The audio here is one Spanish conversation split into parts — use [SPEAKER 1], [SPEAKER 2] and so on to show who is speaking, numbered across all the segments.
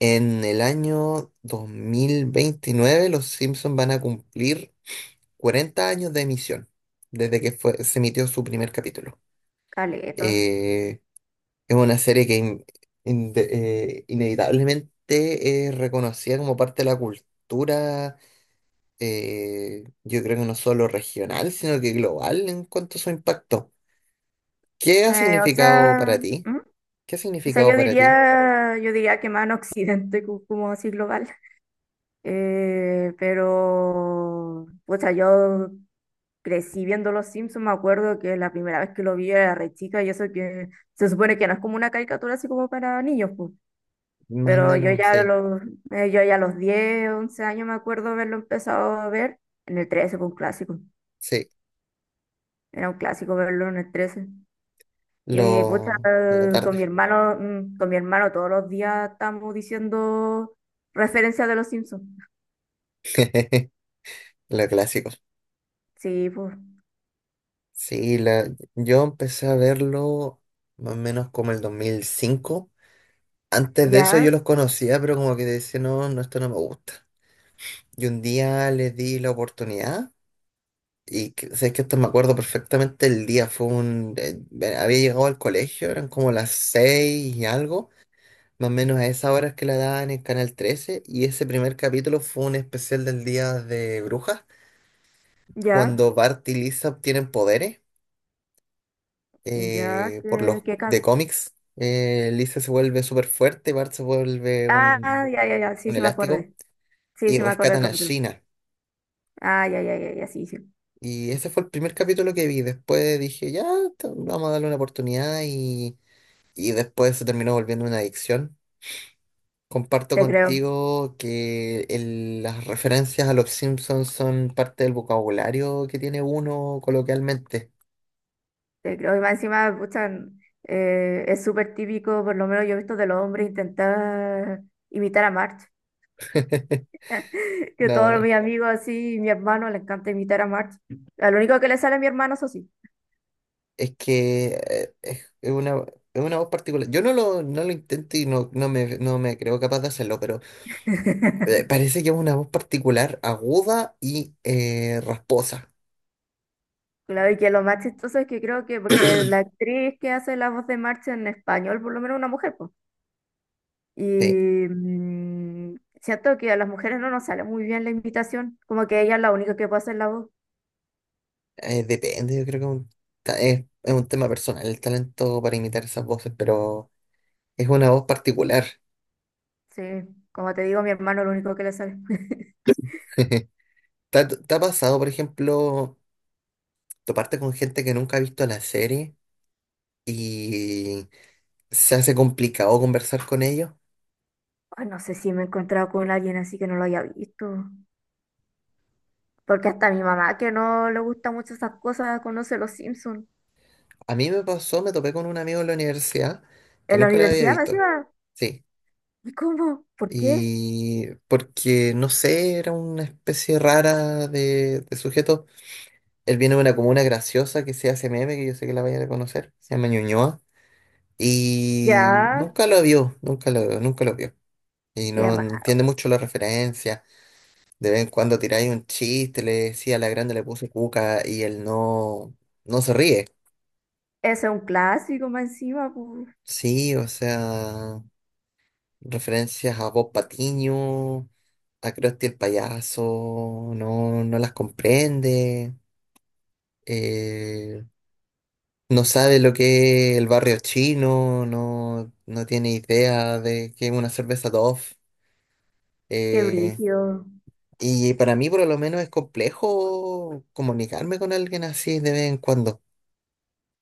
[SPEAKER 1] En el año 2029 los Simpsons van a cumplir 40 años de emisión, desde que se emitió su primer capítulo.
[SPEAKER 2] Caleta.
[SPEAKER 1] Eh, es una serie que in- de- inevitablemente es reconocida como parte de la cultura. Yo creo que no solo regional, sino que global en cuanto a su impacto. ¿Qué ha
[SPEAKER 2] O
[SPEAKER 1] significado
[SPEAKER 2] sea,
[SPEAKER 1] para ti?
[SPEAKER 2] ¿mm?
[SPEAKER 1] ¿Qué ha
[SPEAKER 2] O sea,
[SPEAKER 1] significado
[SPEAKER 2] yo
[SPEAKER 1] para ti?
[SPEAKER 2] diría, yo diría que más en Occidente, como así global. Pero, o sea, yo crecí viendo Los Simpsons. Me acuerdo que la primera vez que lo vi era re chica, y eso que se supone que no es como una caricatura así como para niños, pues.
[SPEAKER 1] Más o
[SPEAKER 2] Pero yo
[SPEAKER 1] menos,
[SPEAKER 2] ya a
[SPEAKER 1] sí,
[SPEAKER 2] los, yo ya a los 10 11 años me acuerdo haberlo empezado a ver. En el 13 fue un clásico.
[SPEAKER 1] sí,
[SPEAKER 2] Era un clásico verlo en el 13. Y pucha,
[SPEAKER 1] lo, la
[SPEAKER 2] con mi
[SPEAKER 1] tarde.
[SPEAKER 2] hermano, mm, con mi hermano todos los días estamos diciendo referencias de los Simpsons.
[SPEAKER 1] Los clásicos.
[SPEAKER 2] Sí, pues.
[SPEAKER 1] Sí, yo empecé a verlo más o menos como el 2005. Antes de eso yo
[SPEAKER 2] Ya,
[SPEAKER 1] los conocía, pero como que decía, no, no, esto no me gusta. Y un día les di la oportunidad y sé que esto, me acuerdo perfectamente el día. Fue un... había llegado al colegio, eran como las seis y algo, más o menos a esas horas que la daban en Canal 13. Y ese primer capítulo fue un especial del Día de Brujas,
[SPEAKER 2] ya,
[SPEAKER 1] cuando Bart y Lisa obtienen poderes.
[SPEAKER 2] ya,
[SPEAKER 1] Por los de cómics. Lisa se vuelve súper fuerte, Bart se vuelve
[SPEAKER 2] ah, ya, ya, ya, sí,
[SPEAKER 1] un
[SPEAKER 2] sí me
[SPEAKER 1] elástico
[SPEAKER 2] acordé. Sí,
[SPEAKER 1] y
[SPEAKER 2] sí me acordé del
[SPEAKER 1] rescatan a
[SPEAKER 2] capítulo.
[SPEAKER 1] Gina.
[SPEAKER 2] Ah, ya, ya, ya, ya, sí, sí.
[SPEAKER 1] Y ese fue el primer capítulo que vi. Después dije, ya, vamos a darle una oportunidad y después se terminó volviendo una adicción. Comparto
[SPEAKER 2] Te creo,
[SPEAKER 1] contigo que las referencias a los Simpsons son parte del vocabulario que tiene uno coloquialmente.
[SPEAKER 2] te creo. Y más encima, pucha, es súper típico, por lo menos yo he visto de los hombres intentar imitar a March. Que todos
[SPEAKER 1] No.
[SPEAKER 2] mis amigos así, mi hermano le encanta imitar a March. Lo único que le sale a mi hermano, eso sí.
[SPEAKER 1] Es que es una voz particular. Yo no lo intento y no me creo capaz de hacerlo, pero parece que es una voz particular, aguda y rasposa.
[SPEAKER 2] Claro, y que lo más chistoso es que creo que, porque la actriz que hace la voz de Marcha en español, por lo menos una mujer, pues.
[SPEAKER 1] Sí,
[SPEAKER 2] Y siento que a las mujeres no nos sale muy bien la invitación, como que ella es la única que puede hacer la voz.
[SPEAKER 1] depende, yo creo que un es un tema personal el talento para imitar esas voces, pero es una voz particular.
[SPEAKER 2] Sí, como te digo, mi hermano es lo único que le sale.
[SPEAKER 1] ¿Te te ha pasado, por ejemplo, toparte con gente que nunca ha visto la serie y se hace complicado conversar con ellos?
[SPEAKER 2] Ay, no sé si me he encontrado con alguien así que no lo haya visto. Porque hasta mi mamá, que no le gusta mucho esas cosas, conoce los Simpsons.
[SPEAKER 1] A mí me pasó, me topé con un amigo en la universidad que
[SPEAKER 2] En la
[SPEAKER 1] nunca lo había
[SPEAKER 2] universidad me
[SPEAKER 1] visto.
[SPEAKER 2] decía,
[SPEAKER 1] Sí.
[SPEAKER 2] ¿y cómo? ¿Por qué?
[SPEAKER 1] Y porque, no sé, era una especie rara de sujeto. Él viene de una comuna graciosa que se hace meme, que yo sé que la vayan a conocer. Se llama Ñuñoa. Y
[SPEAKER 2] Ya,
[SPEAKER 1] nunca lo vio, nunca lo vio. Y
[SPEAKER 2] qué
[SPEAKER 1] no
[SPEAKER 2] raro.
[SPEAKER 1] entiende mucho la referencia. De vez en cuando tiráis un chiste, le decía a la grande le puse cuca y él no se ríe.
[SPEAKER 2] Ese es un clásico más encima, po.
[SPEAKER 1] Sí, o sea. Referencias a Bob Patiño, a Krusty el payaso, no, no las comprende, eh, no sabe lo que es el barrio chino, no, no tiene idea de qué es una cerveza Dove.
[SPEAKER 2] Qué
[SPEAKER 1] eh,
[SPEAKER 2] brígido.
[SPEAKER 1] y para mí por lo menos es complejo comunicarme con alguien así de vez en cuando.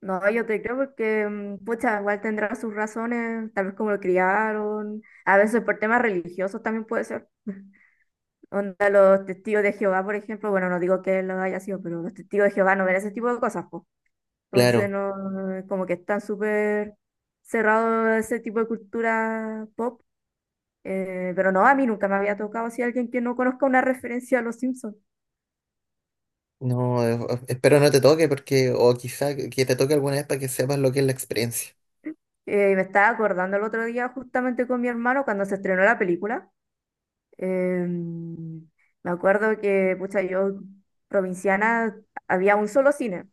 [SPEAKER 2] No, yo te creo porque, pucha, igual tendrá sus razones, tal vez como lo criaron, a veces por temas religiosos también puede ser. Onda, los testigos de Jehová, por ejemplo, bueno, no digo que lo haya sido, pero los testigos de Jehová no ven ese tipo de cosas, pues. Entonces,
[SPEAKER 1] Claro,
[SPEAKER 2] no, como que están súper cerrados a ese tipo de cultura pop. Pero no, a mí nunca me había tocado así alguien que no conozca una referencia a los Simpsons.
[SPEAKER 1] no, espero no te toque porque, o quizá que te toque alguna vez para que sepas lo que es la experiencia.
[SPEAKER 2] Me estaba acordando el otro día justamente con mi hermano cuando se estrenó la película. Em, Me acuerdo que, pucha, yo provinciana, había un solo cine.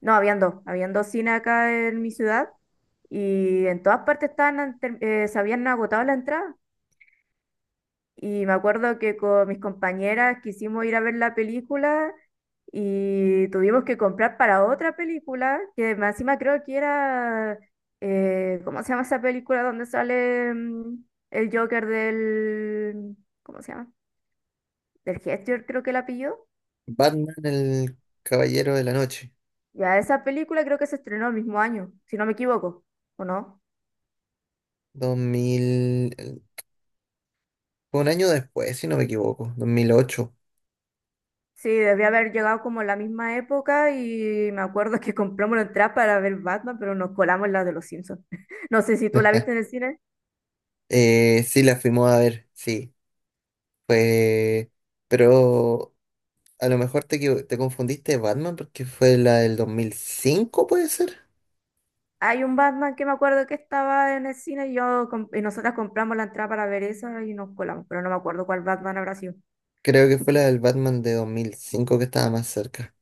[SPEAKER 2] No, habían dos. Habían dos cines acá en mi ciudad y en todas partes estaban, se habían agotado la entrada. Y me acuerdo que con mis compañeras quisimos ir a ver la película y tuvimos que comprar para otra película, que más encima creo que era, ¿cómo se llama esa película donde sale el Joker del... ¿Cómo se llama? Del Gesture creo que la pilló.
[SPEAKER 1] Batman, el caballero de la noche.
[SPEAKER 2] Ya, esa película creo que se estrenó el mismo año, si no me equivoco, ¿o no?
[SPEAKER 1] Dos mil Fue un año después, si no me equivoco, 2008.
[SPEAKER 2] Sí, debía haber llegado como en la misma época y me acuerdo que compramos la entrada para ver Batman, pero nos colamos la de los Simpsons. No sé si tú la viste en el cine.
[SPEAKER 1] Sí, la fuimos a ver, sí, fue, pero a lo mejor te confundiste de Batman porque fue la del 2005, puede ser.
[SPEAKER 2] Hay un Batman que me acuerdo que estaba en el cine y, yo, y nosotras compramos la entrada para ver esa y nos colamos, pero no me acuerdo cuál Batman habrá sido.
[SPEAKER 1] Creo que fue la del Batman de 2005 que estaba más cerca,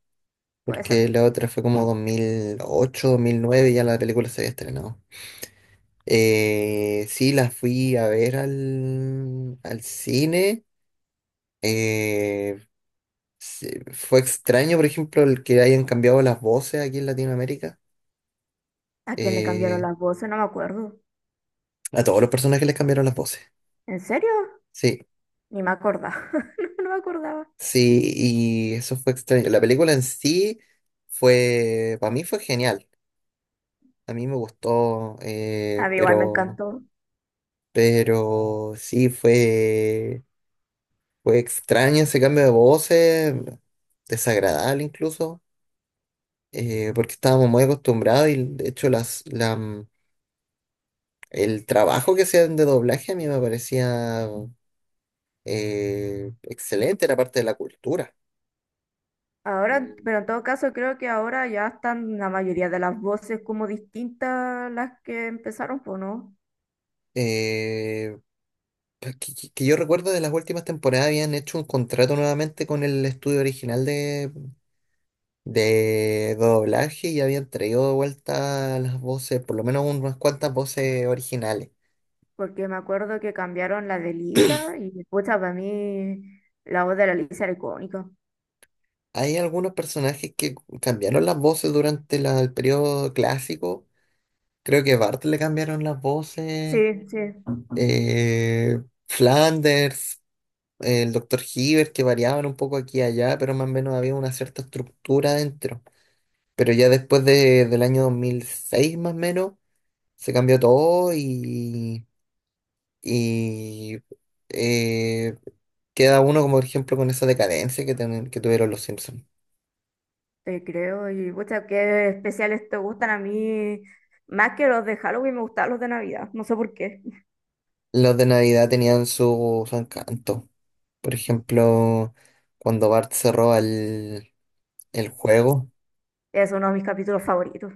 [SPEAKER 2] Puede ser.
[SPEAKER 1] porque la otra fue como 2008, 2009 y ya la película se había estrenado. Sí, la fui a ver al cine. Eh, Sí, fue extraño, por ejemplo, el que hayan cambiado las voces aquí en Latinoamérica.
[SPEAKER 2] ¿A quién le cambiaron
[SPEAKER 1] Eh,
[SPEAKER 2] las voces? No me acuerdo.
[SPEAKER 1] a todos los personajes les cambiaron las voces.
[SPEAKER 2] ¿En serio?
[SPEAKER 1] Sí,
[SPEAKER 2] Ni me acordaba. No, no me acordaba.
[SPEAKER 1] sí, y eso fue extraño. La película en sí fue, para mí fue genial. A mí me gustó,
[SPEAKER 2] A mí igual me encantó.
[SPEAKER 1] pero sí fue, fue extraño ese cambio de voces, desagradable incluso, porque estábamos muy acostumbrados y de hecho el trabajo que hacían de doblaje a mí me parecía excelente, era parte de la cultura.
[SPEAKER 2] Ahora,
[SPEAKER 1] Y,
[SPEAKER 2] pero en todo caso creo que ahora ya están la mayoría de las voces como distintas las que empezaron, pues no,
[SPEAKER 1] eh, que yo recuerdo de las últimas temporadas habían hecho un contrato nuevamente con el estudio original de doblaje y habían traído de vuelta las voces, por lo menos unas cuantas voces originales.
[SPEAKER 2] porque me acuerdo que cambiaron la de Lisa y pucha, para mí la voz de la Lisa era icónica.
[SPEAKER 1] Hay algunos personajes que cambiaron las voces durante el periodo clásico. Creo que Bart le cambiaron las voces.
[SPEAKER 2] Sí, sí,
[SPEAKER 1] eh, Flanders, el doctor Hibbert, que variaban un poco aquí y allá, pero más o menos había una cierta estructura dentro. Pero ya después del año 2006 más o menos, se cambió todo y eh, queda uno, como por ejemplo, con esa decadencia que, que tuvieron los Simpsons.
[SPEAKER 2] te creo. Y pucha, qué especiales te gustan a mí, más que los de Halloween me gustaban los de Navidad, no sé por qué.
[SPEAKER 1] Los de Navidad tenían su, su encanto. Por ejemplo, cuando Bart se roba el juego.
[SPEAKER 2] Es uno de mis capítulos favoritos.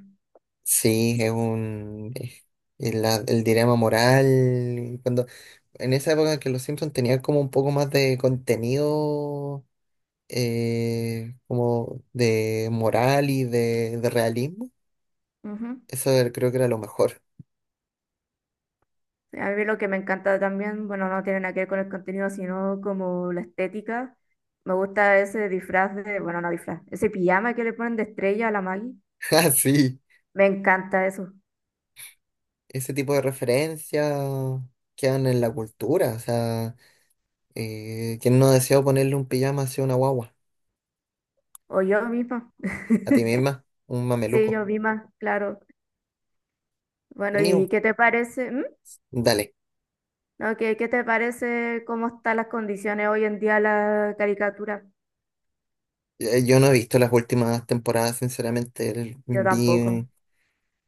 [SPEAKER 1] Sí, es un es el dilema moral. Cuando, en esa época que los Simpsons tenían como un poco más de contenido, como de moral y de realismo,
[SPEAKER 2] Ujú.
[SPEAKER 1] creo que era lo mejor.
[SPEAKER 2] Sí, a mí lo que me encanta también, bueno, no tiene nada que ver con el contenido, sino como la estética. Me gusta ese disfraz de, bueno, no disfraz, ese pijama que le ponen de estrella a la Maggie.
[SPEAKER 1] Ah, sí,
[SPEAKER 2] Me encanta eso.
[SPEAKER 1] ese tipo de referencias quedan en la cultura. O sea, ¿quién no deseó ponerle un pijama así a una guagua?
[SPEAKER 2] O yo misma.
[SPEAKER 1] A ti misma, un
[SPEAKER 2] Sí,
[SPEAKER 1] mameluco.
[SPEAKER 2] yo misma, claro. Bueno,
[SPEAKER 1] Vení,
[SPEAKER 2] ¿y qué te parece? ¿Mm?
[SPEAKER 1] dale.
[SPEAKER 2] Ok, ¿qué te parece cómo están las condiciones hoy en día la caricatura?
[SPEAKER 1] Yo no he visto las últimas temporadas, sinceramente.
[SPEAKER 2] Yo tampoco.
[SPEAKER 1] Vi,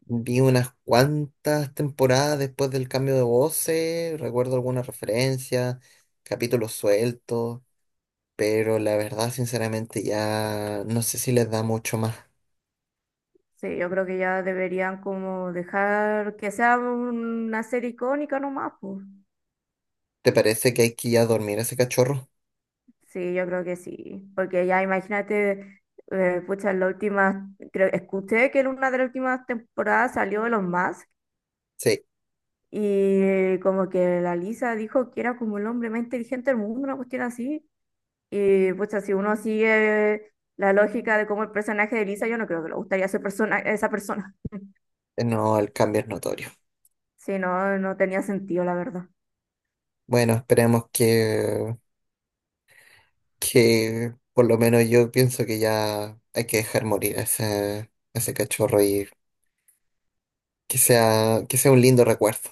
[SPEAKER 1] vi unas cuantas temporadas después del cambio de voces, recuerdo algunas referencias, capítulos sueltos, pero la verdad, sinceramente, ya no sé si les da mucho más.
[SPEAKER 2] Sí, yo creo que ya deberían como dejar que sea una serie icónica nomás, pues.
[SPEAKER 1] ¿Te parece que hay que ir a dormir a ese cachorro?
[SPEAKER 2] Sí, yo creo que sí. Porque ya imagínate, pucha, en la última, creo, escuché que en una de las últimas temporadas salió Elon Musk
[SPEAKER 1] Sí,
[SPEAKER 2] y como que la Lisa dijo que era como el hombre más inteligente del mundo, una cuestión así. Y pues si uno sigue la lógica de cómo el personaje de Lisa, yo no creo que le gustaría ese persona, esa persona.
[SPEAKER 1] no, el cambio es notorio.
[SPEAKER 2] Si no, no tenía sentido, la verdad.
[SPEAKER 1] Bueno, esperemos que por lo menos yo pienso que ya hay que dejar morir a ese cachorro y que sea un lindo recuerdo.